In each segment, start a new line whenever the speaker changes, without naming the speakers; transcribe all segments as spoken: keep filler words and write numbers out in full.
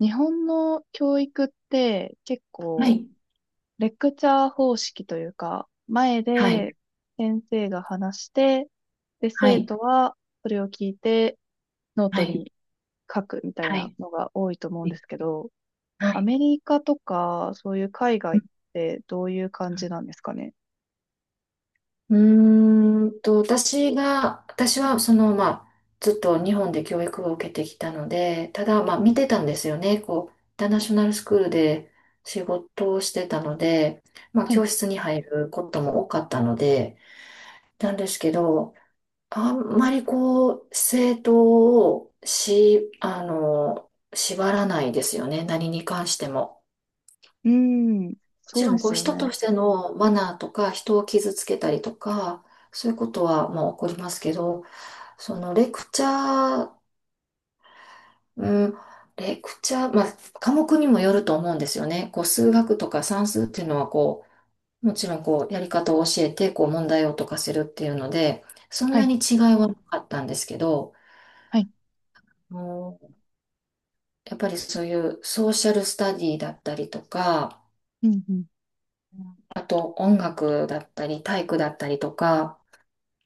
日本の教育って結
は
構
い。
レクチャー方式というか、前
はい。
で先生が話して、で、
は
生
い。
徒はそれを聞いてノー
は
ト
い。
に書くみたい
は
な
い。
のが多いと思うんですけど、
は
ア
い。
メリカとかそういう海
う
外っ
ん。
てどういう感じなんですかね。
うーんと、私が、私はその、まあ、ずっと日本で教育を受けてきたので、ただ、まあ、見てたんですよね。こう、インターナショナルスクールで仕事をしてたので、まあ、
はい。
教室に入ることも多かったので。なんですけど、あんまりこう、生徒をし、あの、縛らないですよね。何に関しても。
うーん。
も
そ
ち
う
ろ
で
んこう
すよ
人と
ね。
してのマナーとか人を傷つけたりとかそういうことはまあ起こりますけど、そのレクチャー、うん、レクチャー、まあ、科目にもよると思うんですよね。こう数学とか算数っていうのはこうもちろんこうやり方を教えてこう問題を解かせるっていうので、そん
は
な
い。
に違いはなかったんですけど、
はい。
うん、やっぱりそういうソーシャルスタディだったりとか、
うんうん。
あと音楽だったり体育だったりとか、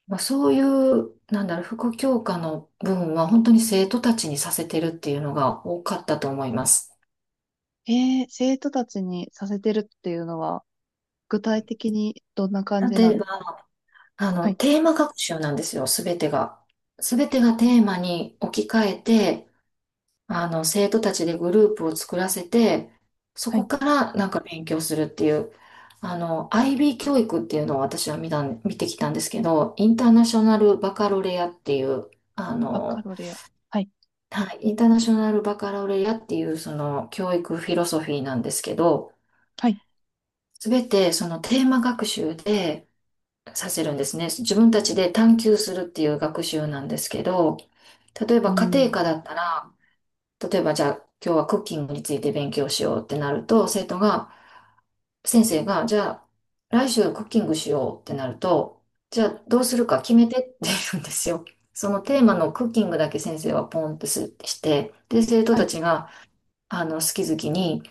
まあ、そういう、なんだろう、副教科の部分は本当に生徒たちにさせてるっていうのが多かったと思います。
えー、生徒たちにさせてるっていうのは具体的にどんな感じな
例
ん
え
で
ば、
すか？
あ
は
の、
い。
テーマ学習なんですよ、すべてが。すべてがテーマに置き換えて、あの、生徒たちでグループを作らせて、そ
は
こ
い
からなんか勉強するっていう、あの、アイビー 教育っていうのを私は見たん、見てきたんですけど、インターナショナルバカロレアっていう、あ
バカ
の、
ロレア。はい。
はい、インターナショナルバカラオレアっていうその教育フィロソフィーなんですけど、
はい。
すべてそのテーマ学習でさせるんですね。自分たちで探求するっていう学習なんですけど、例え
う
ば家庭
ん。
科だったら、例えばじゃあ今日はクッキングについて勉強しようってなると、生徒が、先生が、じゃあ来週クッキングしようってなると、じゃあど
は
う
い。
するか決めてって言うんですよ。そのテーマのクッキングだけ先生はポンとすして、で、生徒
は
た
い。
ちが、あの、好き好きに、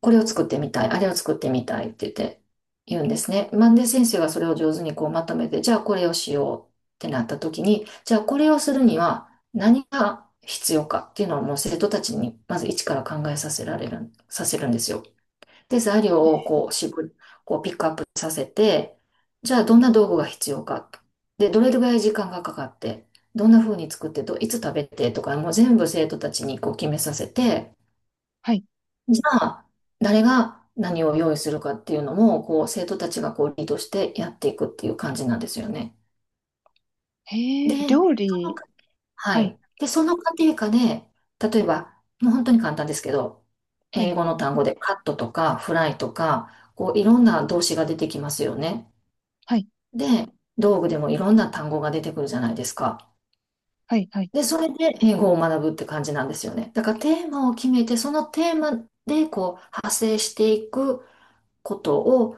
これを作ってみたい、あれを作ってみたいって言って、言うんですね。マンデ先生がそれを上手にこうまとめて、じゃあこれをしようってなった時に、じゃあこれをするには何が必要かっていうのをもう生徒たちにまず一から考えさせられる、させるんですよ。で、材料
え
を
ー
こう絞り、こうピックアップさせて、じゃあどんな道具が必要か。で、どれぐらい時間がかかって、どんな風に作ってと、いつ食べてとか、もう全部生徒たちにこう決めさせて、
はい。
じゃあ、誰が何を用意するかっていうのも、こう、生徒たちがこう、リードしてやっていくっていう感じなんですよね。
へえ、
で、
料
その
理。
過は
はい。
い。で、その過程下で、例えば、もう本当に簡単ですけど、
はい。
英語の単語でカットとかフライとか、こう、いろんな動詞が出てきますよね。
はい。
で、道具でもいろんな単語が出てくるじゃないですか。
はい。はい。
で、それで英語を学ぶって感じなんですよね。だからテーマを決めて、そのテーマでこう、派生していくことを、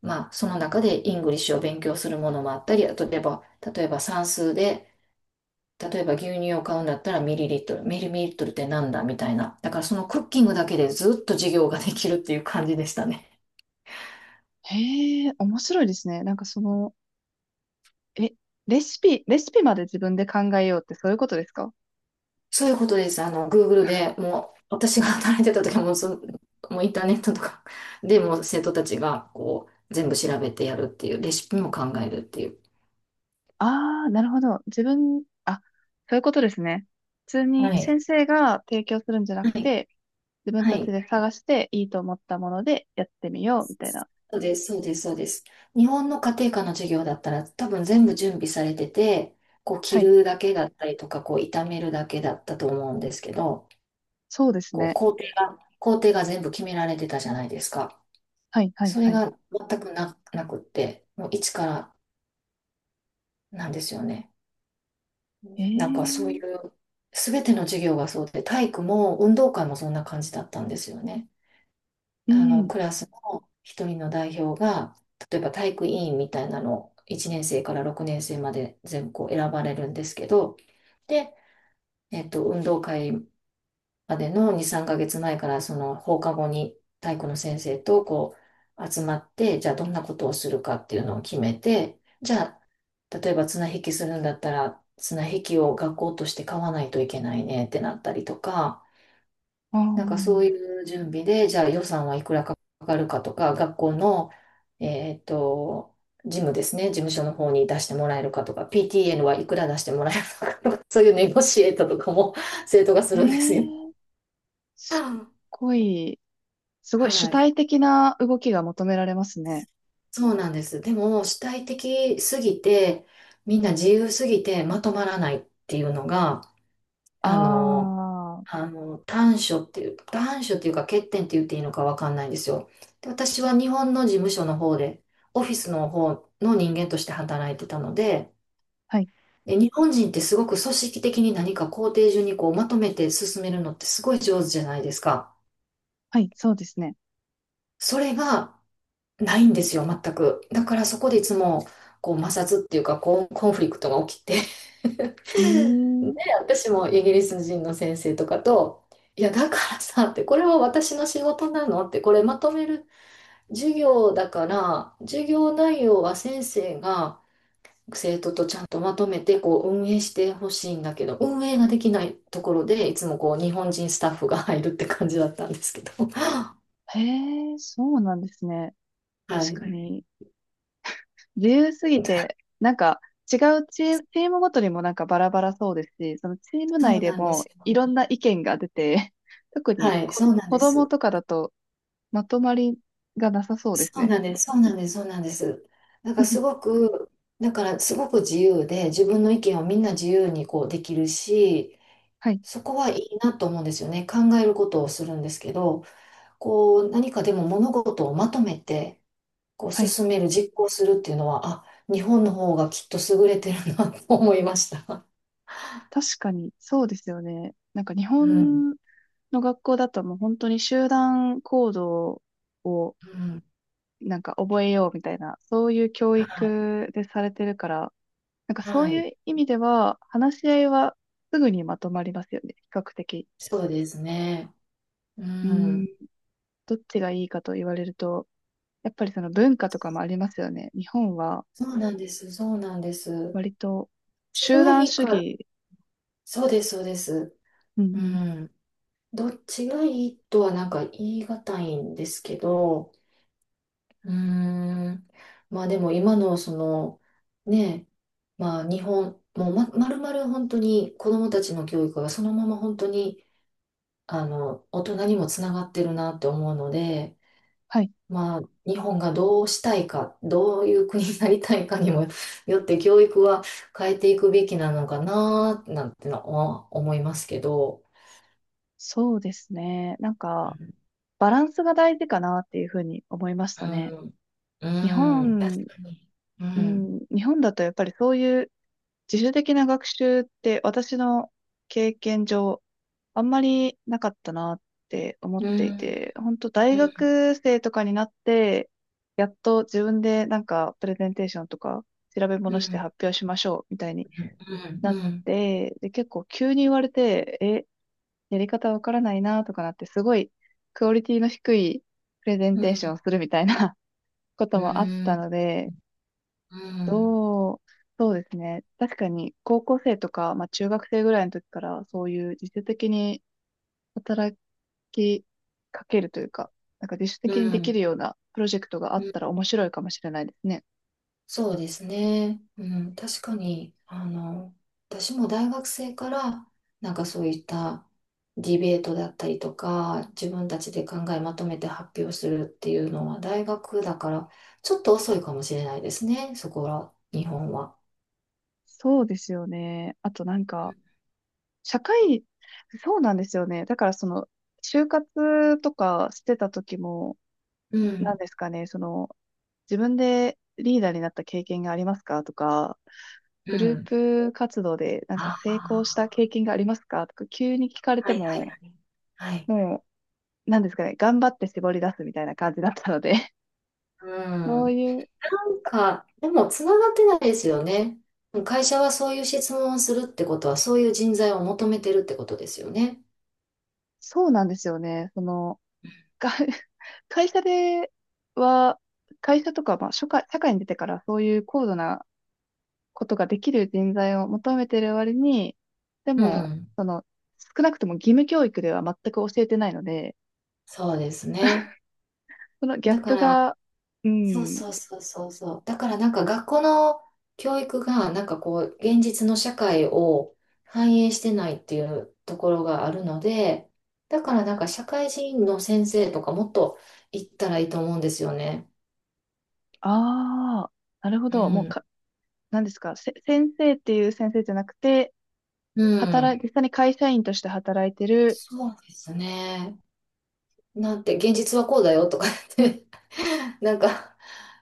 まあ、その中でイングリッシュを勉強するものもあったり、あと例えば、例えば算数で、例えば牛乳を買うんだったらミリリットル、ミリミリットルってなんだみたいな。だからそのクッキングだけでずっと授業ができるっていう感じでしたね。
へえ、面白いですね。なんかその、え、レシピ、レシピまで自分で考えようってそういうことですか？
そういうことです。あの、Google でもう、私が働いてた時はもうそ、もうインターネットとかでもう生徒たちがこう、全部調べてやるっていう、レシピも考えるっていう。
ああー、なるほど。自分、あ、そういうことですね。普通
は
に
い。
先生が提供するんじゃな
は
く
い。
て、自分
は
たち
い。
で探していいと思ったものでやってみよう、みたいな。
そうです、そうです、そうです。日本の家庭科の授業だったら多分全部準備されてて、こう
は
着
い。
るだけだったりとか、こう炒めるだけだったと思うんですけど、
そうです
こう
ね。
工程が、工程が全部決められてたじゃないですか。
はい、はい、
それ
はい。
が全くな、なくって、もう一からなんですよね。
え
なんかそうい
え、
う、すべての授業がそうで、体育も運動会もそんな感じだったんですよね。
う
あの、
ん。
クラスの一人の代表が、例えば体育委員みたいなのをいちねん生からろくねん生まで全校選ばれるんですけど、で、えっと、運動会までのに、さんかげつまえからその放課後に体育の先生とこう集まって、じゃあどんなことをするかっていうのを決めて、じゃあ例えば綱引きするんだったら綱引きを学校として買わないといけないねってなったりとか、
ああ。
なんかそういう準備で、じゃあ予算はいくらかかるかとか、学校の、えっと、事務ですね、事務所の方に出してもらえるかとか、ピーティーエヌ はいくら出してもらえるのかとか、そういうネゴシエートとかも 生徒がす
へ
るんですよ。
え、すっごい、すご
は
い主
い。
体的な動きが求められますね。
そうなんです。でも、主体的すぎて、みんな自由すぎてまとまらないっていうのが、あの、
ああ、
あの、短所っていう、短所っていうか欠点って言っていいのかわかんないんですよ。で、私は日本の事務所の方で、オフィスの方の人間として働いてたので、
はい、
で、日本人ってすごく組織的に何か工程順にこうまとめて進めるのってすごい上手じゃないですか。
はい、そうですね。
それがないんですよ、全く。だからそこでいつもこう摩擦っていうかこうコンフリクトが起きて。
うーん、
私もイギリス人の先生とかと、いや、だからさ、って、これは私の仕事なのって、これまとめる授業だから、授業内容は先生が生徒とちゃんとまとめてこう運営してほしいんだけど、運営ができないところで、いつもこう日本人スタッフが入るって感じだったんですけど。
へえ、そうなんですね。
は
確か
い。
に、自由すぎて、なんか、違うチーム、チームごとにもなんかバラバラそうですし、そのチーム
そ
内
う
で
なんで
も
す
い
よ。
ろんな意見が出て、特に
はい、
こ、
そうなん
子
で
供
す。
とかだとまとまりがなさそうです
そう
ね。
なんです、そうなんです、そうなんです。なんかす ごく、だからすごく自由で、自分の意見をみんな自由にこうできるし、
はい、
そこはいいなと思うんですよね。考えることをするんですけど、こう、何かでも物事をまとめて、こう、
はい。
進める、実行するっていうのは、あ、日本の方がきっと優れてるなと思いました。
確かに、そうですよね。なんか日
うん。
本の学校だともう本当に集団行動を
うん。
なんか覚えようみたいな、そういう教
はい。
育でされてるから、なんかそう
はい。
いう意味では話し合いはすぐにまとまりますよね、比較的。
そうですね。う
うーん、
ん。
どっちがいいかと言われると、やっぱりその文化とかもありますよね。日本は
そうなんです。そうなんです。
割と
違
集
が
団
いい
主
から。
義。
そうです。そうです。
うんう
う
ん。
ん。どっちがいいとはなんか言い難いんですけど、うーん。まあでも今のその、ねえ、まあ日本、もうま、まるまる本当に子どもたちの教育がそのまま本当に、あの、大人にもつながってるなって思うので、
はい。
まあ日本がどうしたいか、どういう国になりたいかにも よって教育は変えていくべきなのかな、なんてのは思いますけど。
そうですね。なん
う
か、
ん、
バランスが大事かなっていうふうに思いましたね。
う
日
ん、うん確
本、
かに。う
う
ん、
ん、日本だとやっぱりそういう自主的な学習って私の経験上あんまりなかったなって思っ
う
てい
ん、
て、本当大
うん、
学生とかになってやっと自分でなんかプレゼンテーションとか調べ
うん、う
物して
ん、
発表しましょうみたいに
うん。
なっ
うん
て、で、結構急に言われて、え、やり方わからないなとかなって、すごいクオリティの低いプレゼン
う
テーションを
ん、
するみたいな こ
う
ともあっ
ん、う
た
ん、
ので、どう、そうですね。確かに高校生とか、まあ中学生ぐらいの時からそういう自主的に働きかけるというか、なんか自主
う
的にできる
ん、
ようなプロジェクトがあ
う
っ
ん
たら面白いかもしれないですね。
そうですね。うん、確かに、あの、私も大学生から、なんかそういったディベートだったりとか、自分たちで考えまとめて発表するっていうのは、大学だから、ちょっと遅いかもしれないですね、そこは、日本は。
そうですよね。あとなんか、社会、そうなんですよね。だからその、就活とかしてた時も、
う
な
ん、
んですかね、その、自分でリーダーになった経験がありますかとか、
う
グルー
ん。
プ活動でなんか
あ
成功した
あ、
経験がありますかとか、急に聞かれ
は
て
い、は
も、
い、はい。はい。
もう、なんですかね、頑張って絞り出すみたいな感じだったので、
う
そう
ん。
いう、
なんか、でもつながってないですよね。会社はそういう質問をするってことは、そういう人材を求めてるってことですよね。
そうなんですよね、その、が 会社では、会社とか、まあ、社会、社会に出てからそういう高度なことができる人材を求めてる割に、で
う
も、
ん。
その、少なくとも義務教育では全く教えてないので、
そうですね。
そのギャッ
だか
プ
ら、
が、う
そう
ん。
そうそうそうそう。だからなんか学校の教育が、なんかこう、現実の社会を反映してないっていうところがあるので、だからなんか社会人の先生とかもっと行ったらいいと思うんですよね。
ああ、なるほ
う
ど。もう
ん。
か、何ですか。せ、先生っていう先生じゃなくて、
う
働
ん。
い、実際に会社員として働いてる。
そうですね。なんて、現実はこうだよとか言って。 なんか、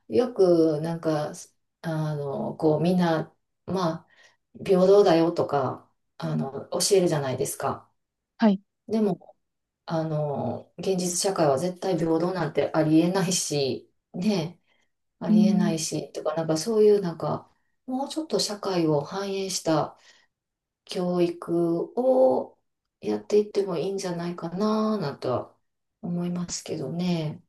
よく、なんか、あの、こう、みんな、まあ、平等だよとか、あの、教えるじゃないですか。
はい。
でも、あの、現実社会は絶対平等なんてありえないし、ね、あ
う
りえない
ん。
し、とか、なんかそういう、なんか、もうちょっと社会を反映した教育をやっていってもいいんじゃないかな、なんとは思いますけどね。